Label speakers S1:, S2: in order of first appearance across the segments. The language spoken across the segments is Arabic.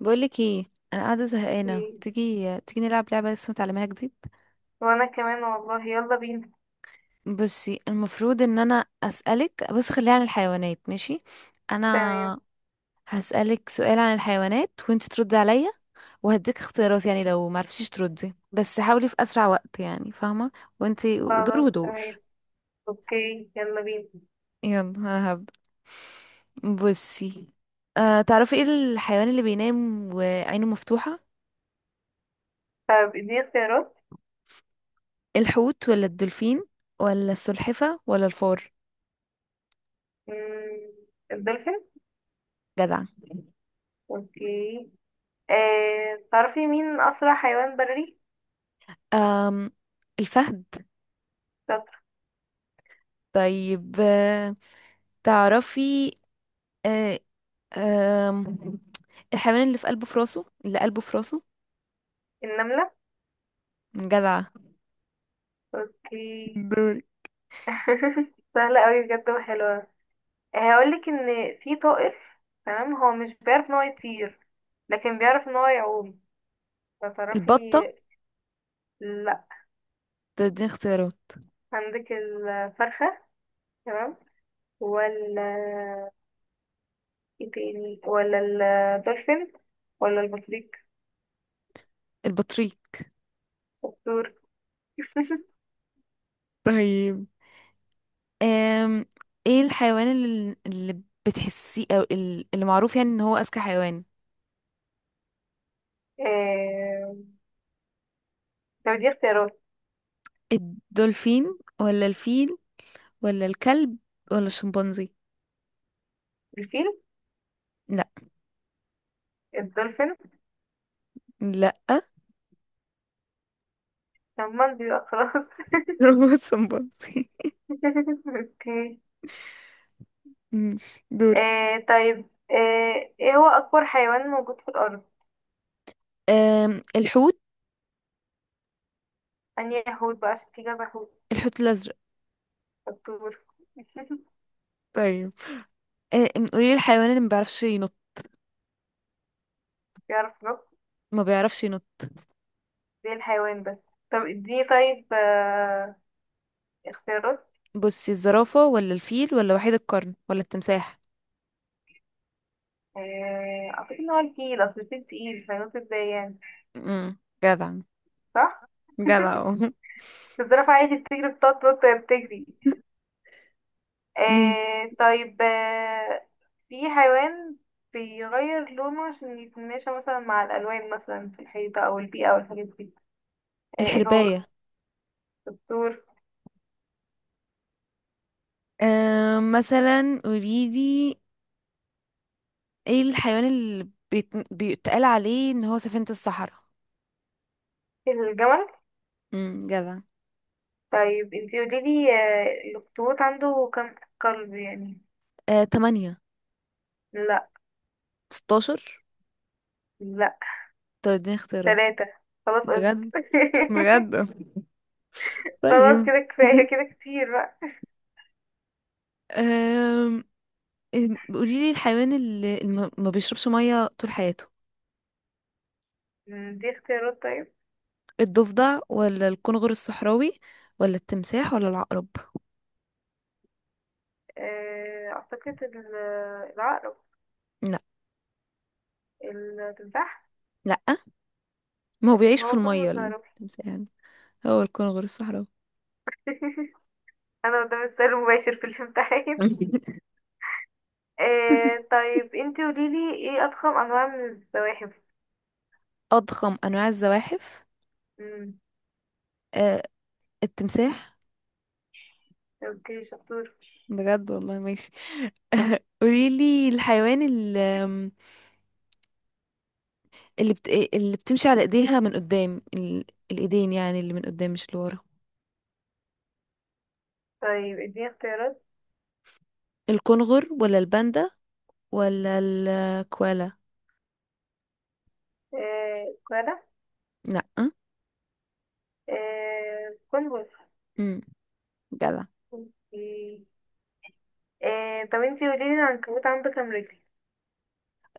S1: بقولك ايه؟ انا قاعده زهقانه،
S2: مم.
S1: تيجي تيجي نلعب لعبه لسه متعلماها جديد.
S2: وأنا كمان والله، يلا بينا.
S1: بصي، المفروض ان انا اسالك، بص خليها عن الحيوانات، ماشي؟
S2: تمام،
S1: انا هسالك سؤال عن الحيوانات وانت تردي عليا وهديك اختيارات. يعني لو ما عرفتيش تردي بس حاولي في اسرع وقت، يعني فاهمه؟ وانت دور
S2: خلاص تمام.
S1: ودور.
S2: أوكي يلا بينا.
S1: يلا انا هبدا. بصي، تعرفي ايه الحيوان اللي بينام وعينه مفتوحه؟
S2: طب اديني اختيارات.
S1: الحوت ولا الدولفين؟ ولا السلحفه ولا الفار؟
S2: مم. الدولفين.
S1: جدع.
S2: أوكي. آه. تعرفي مين أسرع حيوان بري؟
S1: أم الفهد.
S2: شاطر.
S1: طيب تعرفي آه، آم، الحيوان اللي قلبه في راسه.
S2: النملة.
S1: جدعة.
S2: أوكي.
S1: دوري.
S2: سهلة أوي بجد وحلوة. هقولك إن في طائر، تمام، هو مش بيعرف إن هو يطير لكن بيعرف إن هو يعوم. فتعرفي؟
S1: البطة.
S2: لأ،
S1: دي اختيارات.
S2: عندك الفرخة، تمام، ولا ايه تاني، ولا الدولفين ولا البطريق؟
S1: البطريق.
S2: الطور.
S1: طيب أم ايه الحيوان اللي بتحسيه او اللي معروف يعني ان هو اذكى حيوان؟
S2: آه... طب دي اختيارات.
S1: الدولفين ولا الفيل؟ ولا الكلب ولا الشمبانزي؟
S2: الفيل.
S1: لا.
S2: الدولفين.
S1: لا.
S2: طب ما دي بقى خلاص.
S1: هو الشمبانزي.
S2: اوكي.
S1: ماشي، دوري.
S2: ايه هو اكبر حيوان موجود في الارض؟
S1: الحوت.
S2: اني حوت بقى، عشان في كذا حوت.
S1: الحوت الازرق.
S2: الطور.
S1: ايوه. قولي لي الحيوان اللي ما بيعرفش ينط.
S2: بيعرف ينط
S1: ما بيعرفش ينط.
S2: زي الحيوان بس. طب اديني طيب اختيارات.
S1: بصي، الزرافة ولا الفيل ولا وحيد القرن ولا التمساح؟
S2: اعتقد ان هو الفيل، اصل الفيل تقيل، فينط ازاي يعني.
S1: امم. جدع.
S2: صح.
S1: جدع أهو.
S2: الزرافة عادي بتجري، بتقعد تنط وهي بتجري.
S1: ماشي.
S2: آه طيب آه، في حيوان بيغير لونه عشان يتماشى مثلا مع الألوان، مثلا في الحيطة أو البيئة أو الحاجات دي. آه، ايه هو؟
S1: الحرباية.
S2: الدكتور.
S1: مثلا قولي لي، ايه الحيوان اللي بيتقال عليه ان هو سفينة الصحراء؟
S2: الجمل.
S1: امم. جدع.
S2: طيب انتي قوليلي، آه، الأخطبوط عنده كام قلب يعني؟
S1: 8.
S2: لا.
S1: 16.
S2: لا.
S1: طب اديني اختيارات.
S2: ثلاثة. خلاص قلت.
S1: بجد؟ بجد؟
S2: خلاص
S1: طيب.
S2: كده، كفاية كده، كتير بقى.
S1: آم، إم، قولي لي الحيوان اللي ما بيشربش ميه طول حياته.
S2: مم، دي اختيارات طيب.
S1: الضفدع ولا الكنغر الصحراوي؟ ولا التمساح ولا العقرب؟
S2: آه، أعتقد العقرب.
S1: لا.
S2: التمساح.
S1: لا، ما هو بيعيش في
S2: هو
S1: الميه
S2: كونفرس هروح.
S1: التمساح يعني. هو الكنغر الصحراوي.
S2: انا قدام السؤال المباشر في الامتحان. آه طيب انتي قوليلي، ايه اضخم انواع من الزواحف؟
S1: اضخم انواع الزواحف؟
S2: امم.
S1: آه التمساح.
S2: اوكي شطور.
S1: بجد والله. ماشي. قولي لي الحيوان اللي، اللي بتمشي على ايديها من قدام الايدين. يعني اللي من قدام مش اللي ورا.
S2: طيب اديني اختيارات.
S1: الكنغر ولا الباندا؟ ولا الكوالا؟
S2: آه كوالا.
S1: لأ.
S2: آه كونفرس.
S1: امم. جدع.
S2: اوكي. آه طب انتي قوليلي، العنكبوت عنده كام رجل؟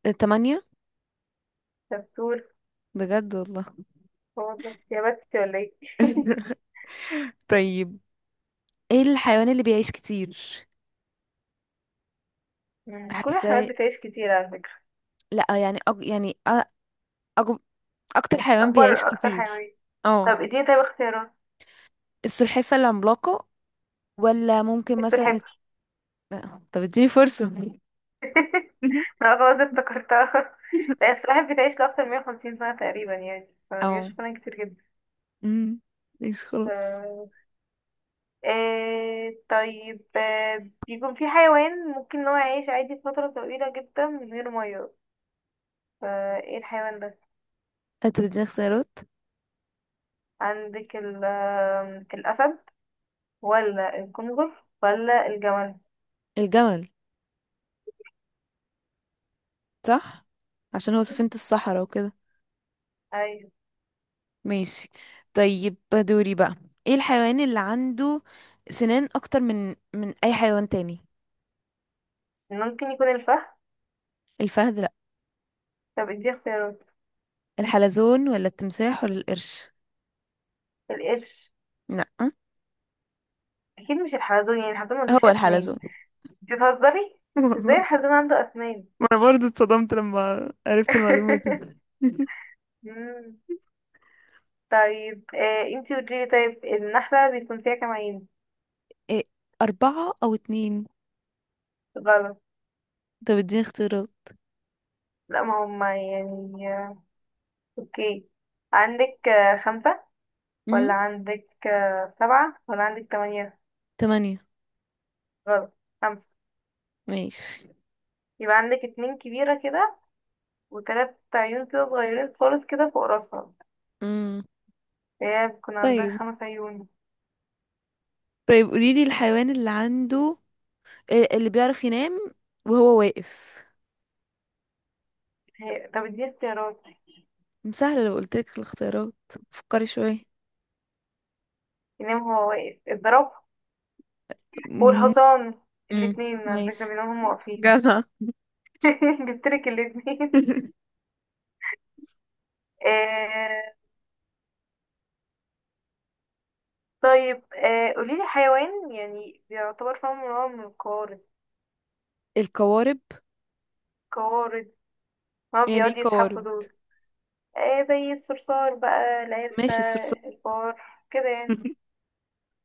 S1: تمانية.
S2: شطور.
S1: بجد والله.
S2: هو والله يا بختي ولا ايه.
S1: طيب، ايه الحيوان اللي بيعيش كتير؟
S2: مم. كل
S1: حاسه.
S2: الحيوانات بتعيش كتير على فكرة.
S1: لأ يعني يعني أج... اكتر حيوان بيعيش
S2: اكبر اكتر
S1: كتير.
S2: حيوان.
S1: اه.
S2: طب اديني طيب اختيارات.
S1: السلحفة العملاقة، ولا ممكن مثلا
S2: السلحفاة.
S1: طب اديني فرصة.
S2: اه خلاص افتكرتها. لا، السلاحف بتعيش لأكتر من 150 سنة تقريبا يعني،
S1: اه.
S2: فبيعيش فعلا كتير جدا.
S1: مم. ماشي خلاص.
S2: ف- آه طيب آه، بيكون في حيوان ممكن ان هو يعيش عادي فترة طويلة جدا من غير مية، فايه الحيوان ده؟
S1: انت بتديني اختيارات.
S2: عندك ال آه، الأسد ولا الكنغر ولا الجمل؟
S1: الجمل. صح، عشان هو سفينة الصحراء وكده.
S2: أيوة.
S1: ماشي. طيب دوري بقى. ايه الحيوان اللي عنده سنان اكتر من اي حيوان تاني؟
S2: ممكن يكون الفهد.
S1: الفهد لا.
S2: طب ادي اختيارات.
S1: الحلزون ولا التمساح ولا القرش؟
S2: القرش.
S1: لا.
S2: أكيد مش الحلزون، يعني الحلزون ملوش
S1: هو الحلزون.
S2: أسنان. بتهزري؟ ازاي الحلزون عنده أسنان؟
S1: ما انا برضه اتصدمت لما عرفت المعلومة دي.
S2: مم. طيب آه انتي قوليلي، طيب النحلة بيكون فيها كام عين؟
S1: إيه، 4 أو 2.
S2: غلط.
S1: طب اديني اختيارات.
S2: لا، ما هما يعني، اوكي، عندك آه خمسة، ولا
S1: امم
S2: عندك آه سبعة، ولا عندك تمانية؟
S1: 8.
S2: غلط. خمسة.
S1: ماشي.
S2: يبقى عندك اتنين كبيرة كده، وتلات عيون كده صغيرين خالص كده فوق راسها.
S1: امم.
S2: هي بيكون عندها
S1: طيب.
S2: خمس عيون.
S1: طيب قوليلي الحيوان اللي عنده إيه، اللي بيعرف ينام وهو واقف.
S2: هي طب اديني اختيارات.
S1: سهلة لو قلتلك الاختيارات. فكري شوية.
S2: ينام هو واقف؟ الزرافة
S1: مم.
S2: والحصان،
S1: مم.
S2: الاتنين على فكرة
S1: ماشي،
S2: بيناموا هما واقفين.
S1: جدع.
S2: جبتلك الاتنين. آه، طيب آه قوليلي، حيوان يعني بيعتبر فاهم نوع من القوارض.
S1: القوارب.
S2: قوارض. ما هو
S1: يعني ايه
S2: بيقعد يزحفوا
S1: قوارب؟
S2: دول. آه زي الصرصار بقى، العرسة،
S1: ماشي، الصرصار.
S2: الفار، كده يعني.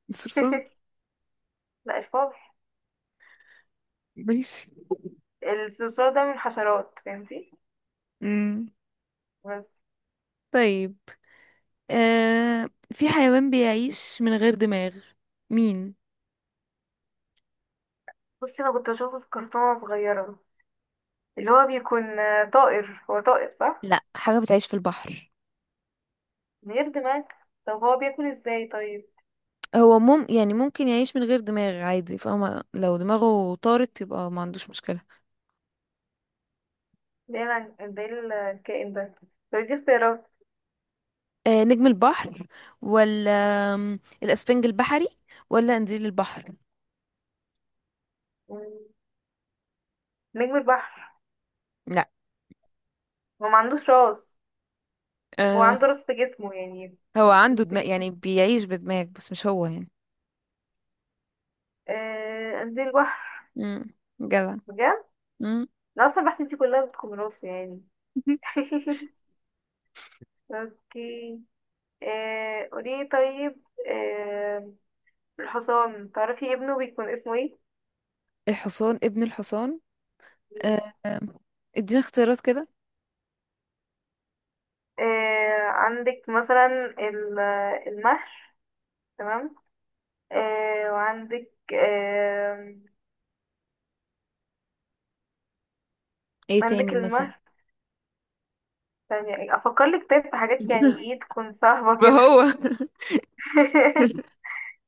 S1: الصرصار.
S2: لا، الفار.
S1: ماشي.
S2: الصرصار ده من الحشرات، فهمتي،
S1: مم.
S2: بس.
S1: طيب في حيوان بيعيش من غير دماغ. مين؟
S2: بصي، انا كنت بشوفه في كرتونة وأنا صغيرة، اللي هو بيكون آه، طائر، هو طائر صح؟
S1: لا، حاجة بتعيش في البحر.
S2: من غير دماغ. طب هو بياكل ازاي طيب؟
S1: هو يعني ممكن يعيش من غير دماغ عادي، فاهمة؟ لو دماغه طارت يبقى ما عندوش مشكلة.
S2: ده الكائن ده. طب دي اختيارات.
S1: نجم البحر، ولا الأسفنج البحري، ولا قنديل البحر.
S2: مم، نجم البحر.
S1: لا.
S2: هو ما عندوش راس. هو
S1: آه
S2: عنده رص في جسمه يعني.
S1: هو عنده
S2: نص
S1: دماغ
S2: جسمه.
S1: يعني بيعيش بدماغ بس مش هو يعني.
S2: آه قد ايه البحر.
S1: امم. جدع.
S2: بجد.
S1: امم.
S2: انا اصلا بحس انتي كلها بتكون راسه يعني. اوكي. آه قولي، طيب آه، الحصان تعرفي ابنه بيكون اسمه ايه؟
S1: الحصان ابن الحصان؟ آه آه، ادينا اختيارات كده.
S2: آه عندك مثلا ال- المهر، تمام، آه وعندك آه،
S1: ايه
S2: عندك
S1: تاني مثلا؟
S2: المهر. ثانية افكر لك، طيب في حاجات يعني ايه تكون صعبة
S1: يبقى
S2: كده.
S1: هو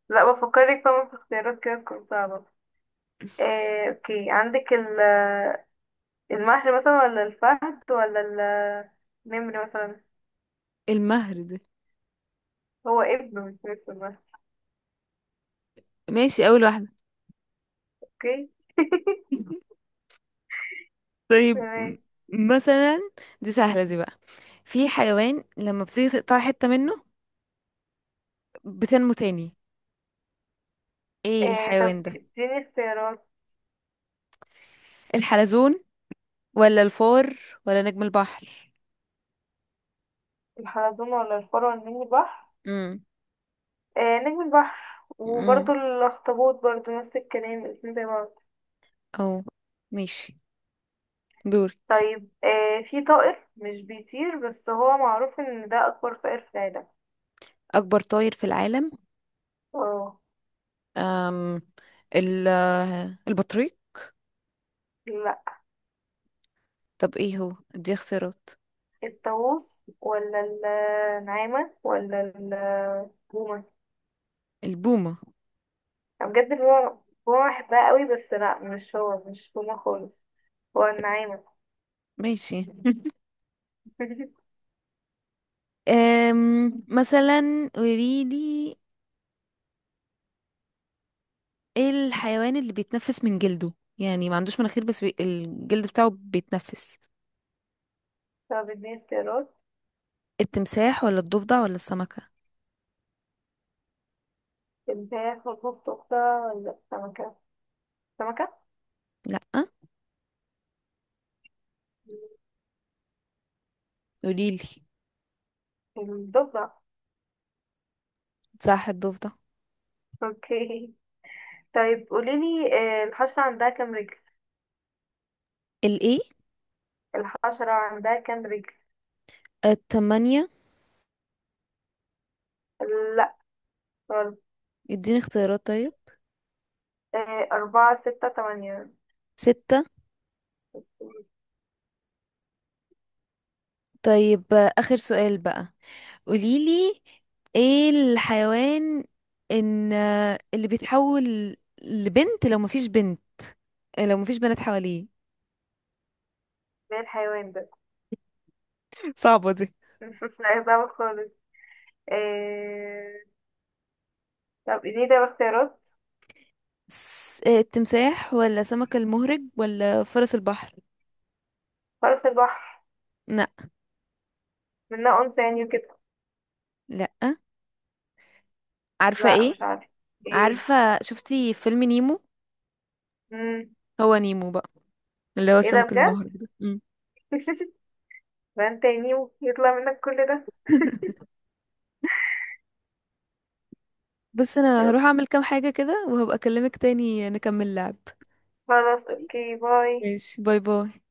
S2: لا بفكر لك طبعا في اختيارات كده تكون صعبة. إيه، اوكي، عندك المهر مثلا، ولا الفهد، ولا النمر مثلا.
S1: المهر ده.
S2: هو ابنه مش اسمه المهر؟
S1: ماشي، اول واحدة.
S2: اوكي.
S1: طيب
S2: تمام.
S1: مثلا. دي سهلة دي بقى. في حيوان لما بتيجي تقطع حتة منه بتنمو تاني. ايه
S2: إيه، طب
S1: الحيوان ده؟
S2: اديني اختيارات.
S1: الحلزون ولا الفار ولا نجم البحر.
S2: الحلزون ولا الفار ولا نجم البحر؟ إيه، نجم البحر،
S1: امم.
S2: وبرضو الاخطبوط برضو نفس الكلام، الاتنين زي بعض.
S1: او، ماشي، دوري.
S2: طيب إيه، في طائر مش بيطير بس هو معروف ان ده اكبر طائر في العالم.
S1: اكبر طائر في العالم؟
S2: اه.
S1: أم ال البطريق.
S2: لا.
S1: طب ايه هو، دي اختيارات.
S2: الطاووس ولا النعامة ولا البومة.
S1: البومة.
S2: أنا بجد بابا بابا بحبها قوي، بس لا مش هو، مش هما خالص. هو النعامة.
S1: ماشي. مثلا قوليلي ايه الحيوان اللي بيتنفس من جلده؟ يعني ما عندوش مناخير بس الجلد بتاعه بيتنفس.
S2: طب اديني اختيارات.
S1: التمساح ولا الضفدع ولا السمكة؟
S2: الفراخ والبط أختها ولا السمكة. السمكة.
S1: لا. قوليلي.
S2: الضبع.
S1: صح، الضفدع.
S2: اوكي. طيب قوليلي آه، الحشرة عندها كام رجل؟
S1: الايه؟
S2: الحشرة عندها كام رجل؟
S1: التمانية.
S2: لا. غلط.
S1: اديني اختيارات طيب.
S2: آه، أربعة، ستة، تمانية.
S1: 6. طيب آخر سؤال بقى. قوليلي ايه الحيوان، ان اللي بيتحول لبنت لو مفيش بنت، لو مفيش بنات حواليه.
S2: زي الحيوان ده.
S1: صعبة دي.
S2: لا يصعب خالص. آه، طب اديني ده اختيارات.
S1: التمساح ولا سمك المهرج ولا فرس البحر؟
S2: فرس البحر.
S1: لا.
S2: منها أنثى يعني وكده.
S1: لا. عارفة
S2: لا
S1: ايه؟
S2: مش عارفة. ايه؟
S1: عارفة، شفتي فيلم نيمو؟
S2: مم.
S1: هو نيمو بقى، اللي هو
S2: ايه ده
S1: السمك
S2: بجد؟
S1: المهرج ده. مم.
S2: بان تاني ويطلع منك كل ده.
S1: بص، انا
S2: يلا.
S1: هروح اعمل كام حاجة كده وهبقى اكلمك تاني نكمل لعب.
S2: خلاص اوكي باي.
S1: ماشي، باي باي.